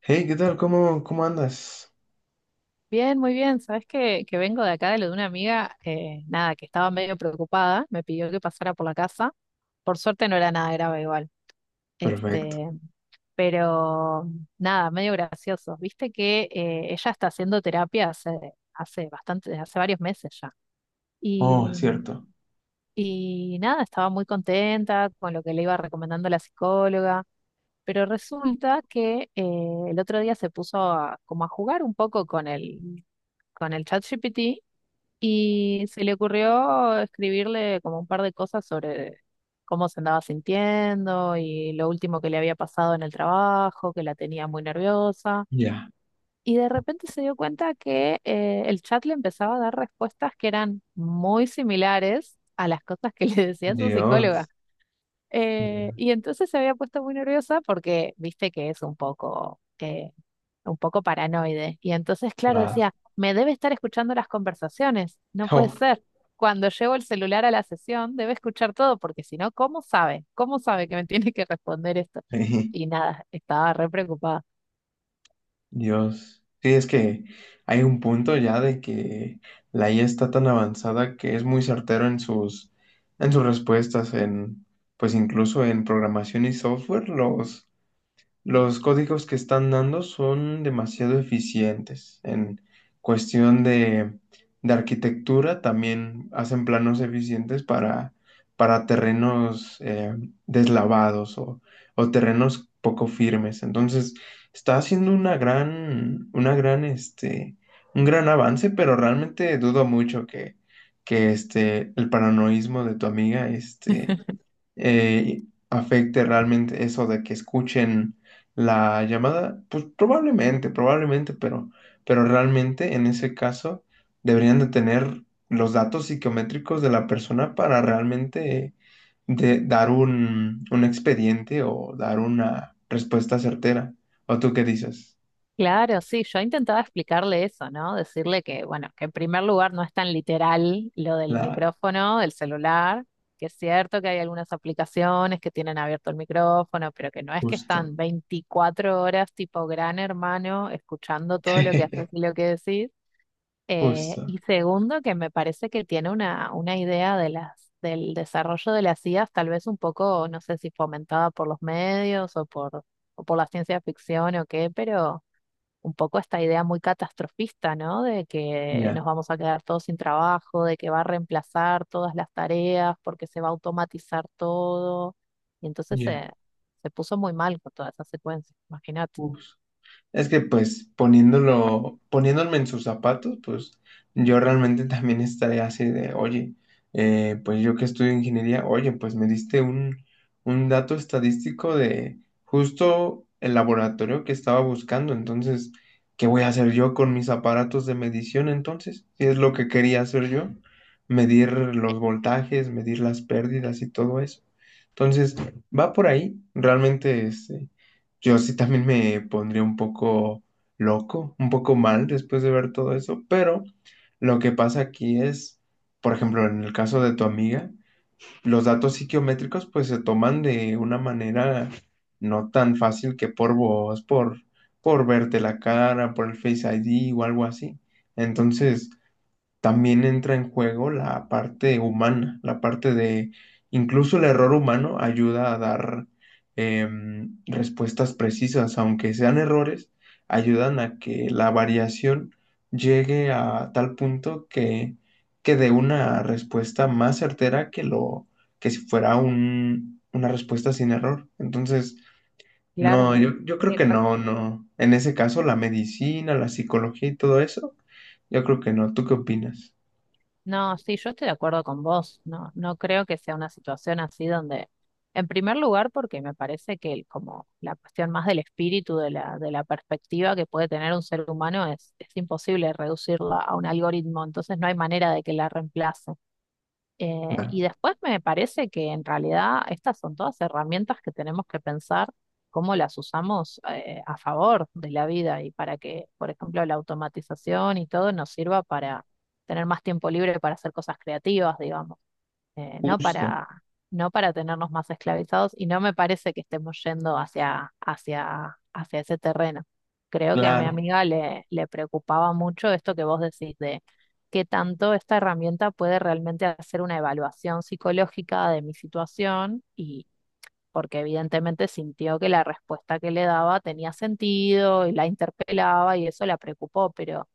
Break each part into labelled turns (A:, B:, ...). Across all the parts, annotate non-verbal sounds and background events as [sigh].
A: Hey, ¿qué tal? ¿¿Cómo andas?
B: Bien, muy bien. Sabes que vengo de acá de lo de una amiga, nada, que estaba medio preocupada, me pidió que pasara por la casa. Por suerte no era nada grave igual.
A: Perfecto.
B: Este, pero nada, medio gracioso. Viste que ella está haciendo terapia hace bastante, hace varios meses ya.
A: Oh,
B: Y,
A: es cierto.
B: y nada, estaba muy contenta con lo que le iba recomendando la psicóloga. Pero resulta que el otro día se puso como a jugar un poco con con el ChatGPT. Y se le ocurrió escribirle como un par de cosas sobre cómo se andaba sintiendo y lo último que le había pasado en el trabajo, que la tenía muy nerviosa.
A: Ya.
B: Y de repente se dio cuenta que el chat le empezaba a dar respuestas que eran muy similares a las cosas que [laughs] le decía su psicóloga.
A: Dios. Ya.
B: Y entonces se había puesto muy nerviosa porque viste que es un un poco paranoide. Y entonces,
A: [laughs]
B: claro,
A: La-
B: decía, me debe estar escuchando las conversaciones, no puede
A: Oh,
B: ser. Cuando llevo el celular a la sesión, debe escuchar todo, porque si no, ¿cómo sabe? ¿Cómo sabe que me [laughs] tiene que responder esto?
A: sí.
B: Y nada, estaba re preocupada.
A: Dios. Sí, es que hay un punto ya de que la IA está tan avanzada que es muy certero en en sus respuestas, pues incluso en programación y software. Los códigos que están dando son demasiado eficientes. En cuestión de arquitectura, también hacen planos eficientes para terrenos deslavados o terrenos poco firmes. Entonces, está haciendo una gran, un gran avance, pero realmente dudo mucho que el paranoísmo de tu amiga, eh, afecte realmente eso de que escuchen la llamada, pues probablemente, pero realmente en ese caso deberían de tener los datos psicométricos de la persona para realmente dar un expediente o dar una respuesta certera. ¿O tú qué dices?
B: Claro, sí, yo intentaba explicarle eso, ¿no? Decirle que, bueno, que en primer lugar no es tan literal lo del
A: Claro,
B: micrófono, del celular, que es cierto que hay algunas aplicaciones que tienen abierto el micrófono, pero que no es que
A: justo,
B: están 24 horas tipo gran hermano escuchando todo lo que haces
A: [laughs]
B: y lo que decís.
A: justo,
B: Y segundo, que me parece que tiene una idea de del desarrollo de las IAs, tal vez un poco, no sé si fomentada por los medios o o por la ciencia ficción o qué, pero un poco esta idea muy catastrofista, ¿no? De que nos
A: ya,
B: vamos a quedar todos sin trabajo, de que va a reemplazar todas las tareas porque se va a automatizar todo. Y entonces
A: ya,
B: se puso muy mal con toda esa secuencia, imagínate.
A: justo. Es que pues poniéndome en sus zapatos, pues yo realmente [laughs] también estaría así de, oye, pues yo que estudio ingeniería, oye, pues me diste un dato estadístico de justo el laboratorio que estaba buscando, entonces, ¿qué voy a hacer yo con mis aparatos de medición entonces? Si es lo que quería hacer yo, medir los voltajes, medir las pérdidas y todo eso. Entonces, va por ahí, realmente, yo sí también me pondría un poco loco, un poco mal después de ver todo eso, pero lo que pasa aquí es, por ejemplo, en el caso de tu amiga, los datos psiquiométricos pues se toman de una manera no tan fácil que por por verte la cara, por el Face ID o algo así. Entonces, también entra en juego la parte humana, la parte de incluso el error humano ayuda a dar respuestas precisas, aunque sean errores, ayudan a que la variación llegue a tal punto que dé una respuesta más certera que lo que si fuera una respuesta sin error. Entonces,
B: Claro,
A: no, yo
B: sí,
A: creo que no,
B: exactamente.
A: no. En ese caso, la medicina, la psicología y todo eso, yo creo que no. ¿Tú qué opinas?
B: No, sí, yo estoy de acuerdo con vos. No, no creo que sea una situación así donde, en primer lugar, porque me parece que como la cuestión más del espíritu, de de la perspectiva que puede tener un ser humano, es imposible reducirla a un algoritmo. Entonces no hay manera de que la reemplace. Y
A: Claro,
B: después me parece que en realidad estas son todas herramientas que tenemos que pensar cómo las usamos a favor de la vida y para que, por ejemplo, la automatización y todo nos sirva para tener más tiempo libre para hacer cosas creativas, digamos no
A: justo,
B: no para tenernos más esclavizados y no me parece que estemos yendo hacia ese terreno. Creo que a mi
A: claro,
B: amiga le preocupaba mucho esto que vos decís de qué tanto esta herramienta puede realmente hacer una evaluación psicológica de mi situación y porque evidentemente sintió que la respuesta que le daba tenía sentido y la interpelaba y eso la preocupó, pero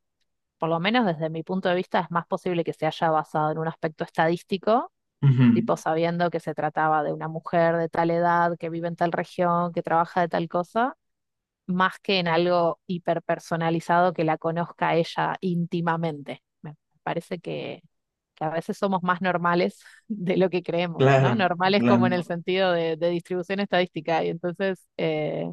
B: por lo menos desde mi punto de vista es más posible que se haya basado en un aspecto estadístico
A: ujú,
B: tipo sabiendo que se trataba de una mujer de tal edad, que vive en tal región, que trabaja de tal cosa, más que en algo hiperpersonalizado que la conozca ella íntimamente. Me parece que a veces somos más normales [laughs] de lo que creemos, ¿no?
A: claro,
B: Normales como en el
A: claro,
B: sentido de distribución estadística. Y entonces,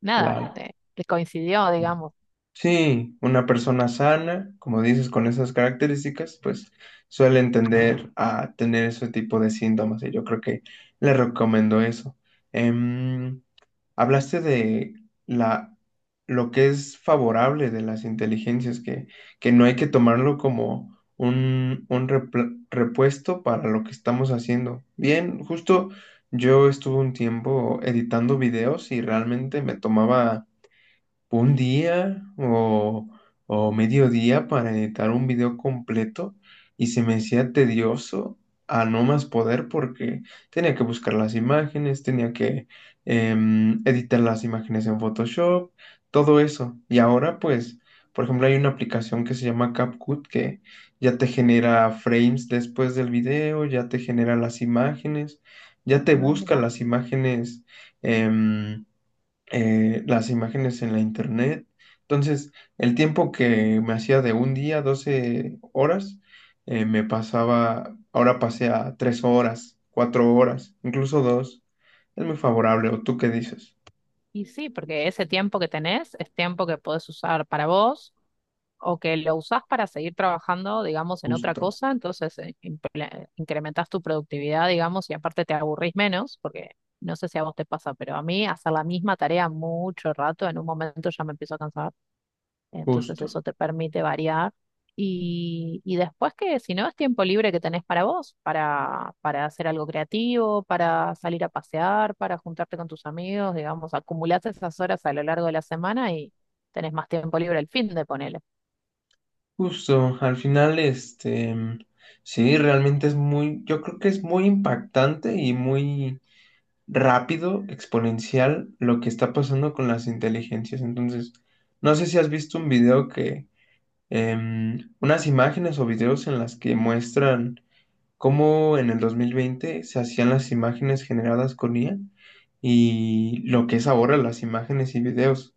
B: nada,
A: claro.
B: que coincidió, digamos.
A: Sí, una persona sana, como dices, con esas características, pues suele entender a tener ese tipo de síntomas y yo creo que le recomiendo eso. Em, Hablaste de la, lo que es favorable de las inteligencias, que no hay que tomarlo como un repuesto para lo que estamos haciendo. Bien, justo yo estuve un tiempo editando videos y realmente me tomaba un día o medio día para editar un video completo y se me hacía tedioso a no más poder porque tenía que buscar las imágenes, tenía que editar las imágenes en Photoshop, todo eso. Y ahora pues, por ejemplo, hay una aplicación que se llama CapCut que ya te genera frames después del video, ya te genera las imágenes, ya te
B: Ah,
A: busca
B: mirá.
A: las imágenes em, las imágenes en la internet. Entonces, el tiempo que me hacía de un día, 12 horas, me pasaba, ahora pasé a 3 horas, 4 horas, incluso dos. Es muy favorable, ¿o tú qué dices?
B: Y sí, porque ese tiempo que tenés es tiempo que podés usar para vos o que lo usás para seguir trabajando, digamos, en otra
A: Justo,
B: cosa, entonces incrementás tu productividad, digamos, y aparte te aburrís menos, porque no sé si a vos te pasa, pero a mí hacer la misma tarea mucho rato, en un momento ya me empiezo a cansar, entonces
A: justo,
B: eso te permite variar. Y después que si no es tiempo libre que tenés para vos, para hacer algo creativo, para salir a pasear, para juntarte con tus amigos, digamos, acumulás esas horas a lo largo de la semana y tenés más tiempo libre el fin de ponerle.
A: justo. Al final, sí, realmente es muy, yo creo que es muy impactante y muy rápido, exponencial lo que está pasando con las inteligencias. Entonces, no sé si has visto un video unas imágenes o videos en las que muestran cómo en el 2020 se hacían las imágenes generadas con IA y lo que es ahora las imágenes y videos.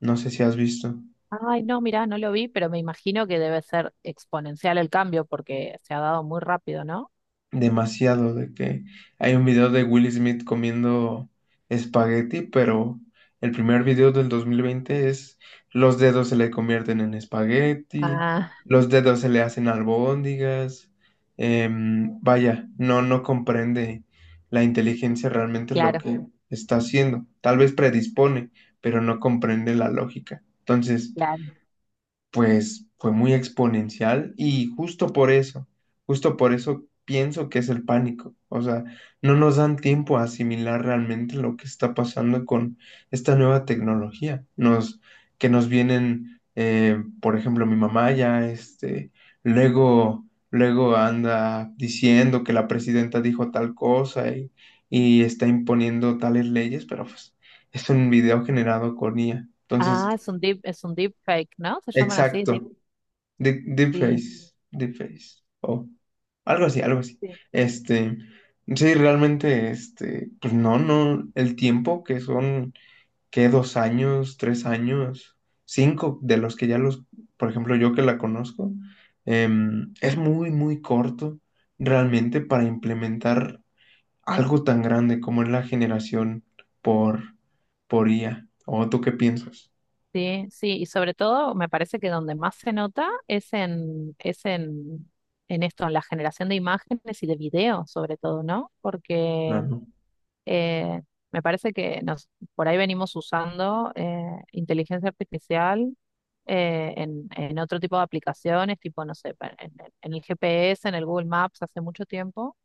A: No sé si has visto.
B: Ay, no, mirá, no lo vi, pero me imagino que debe ser exponencial el cambio porque se ha dado muy rápido, ¿no?
A: Demasiado, de que hay un video de Will Smith comiendo espagueti, pero el primer video del 2020 es los dedos se le convierten en espagueti,
B: Ah,
A: los dedos se le hacen albóndigas. Vaya, no, no comprende la inteligencia realmente lo
B: claro,
A: que está haciendo. Tal vez predispone, pero no comprende la lógica. Entonces,
B: claro.
A: pues fue muy exponencial y justo por eso pienso que es el pánico. O sea, no nos dan tiempo a asimilar realmente lo que está pasando con esta nueva tecnología. Que nos vienen, por ejemplo, mi mamá ya, luego, luego anda diciendo que la presidenta dijo tal cosa y está imponiendo tales leyes, pero pues es un video generado con IA. Entonces,
B: Ah, es un deep fake, ¿no? Se llaman así, deep.
A: exacto. Deep,
B: Sí,
A: Deepface, Deepface, o algo así, algo así.
B: sí,
A: Este, sí, realmente, pues no, no, el tiempo que son, que 2 años, 3 años, cinco de los que ya por ejemplo, yo que la conozco, es muy, muy corto realmente para implementar algo tan grande como es la generación por, por IA. ¿O tú qué piensas?
B: sí, sí. Y sobre todo, me parece que donde más se nota es es en esto, en la generación de imágenes y de videos, sobre todo, ¿no?
A: No,
B: Porque
A: no,
B: Eh, me parece que nos, por ahí venimos usando inteligencia artificial en otro tipo de aplicaciones, tipo, no sé, pa- en el GPS, en el Google Maps hace mucho tiempo,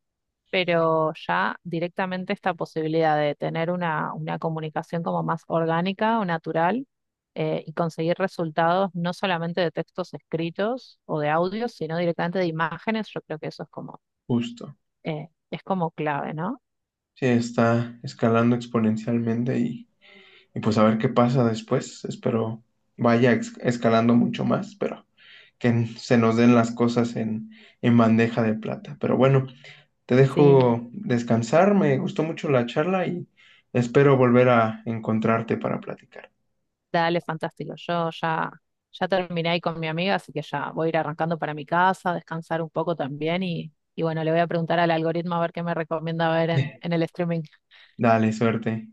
B: pero ya directamente esta posibilidad de tener una comunicación como más orgánica o natural y conseguir resultados no solamente de textos escritos o de audios, sino directamente de imágenes, yo creo que eso
A: justo.
B: es como clave, ¿no?
A: Sí, está escalando exponencialmente y pues a ver qué pasa después. Espero vaya escalando mucho más, pero que se nos den las cosas en bandeja de plata. Pero bueno, te
B: Sí.
A: dejo descansar, me gustó mucho la charla y espero volver a encontrarte para platicar.
B: Dale, fantástico. Yo ya, ya terminé ahí con mi amiga, así que ya voy a ir arrancando para mi casa, descansar un poco también y bueno, le voy a preguntar al algoritmo a ver qué me recomienda ver en
A: [laughs]
B: el streaming.
A: Dale, suerte.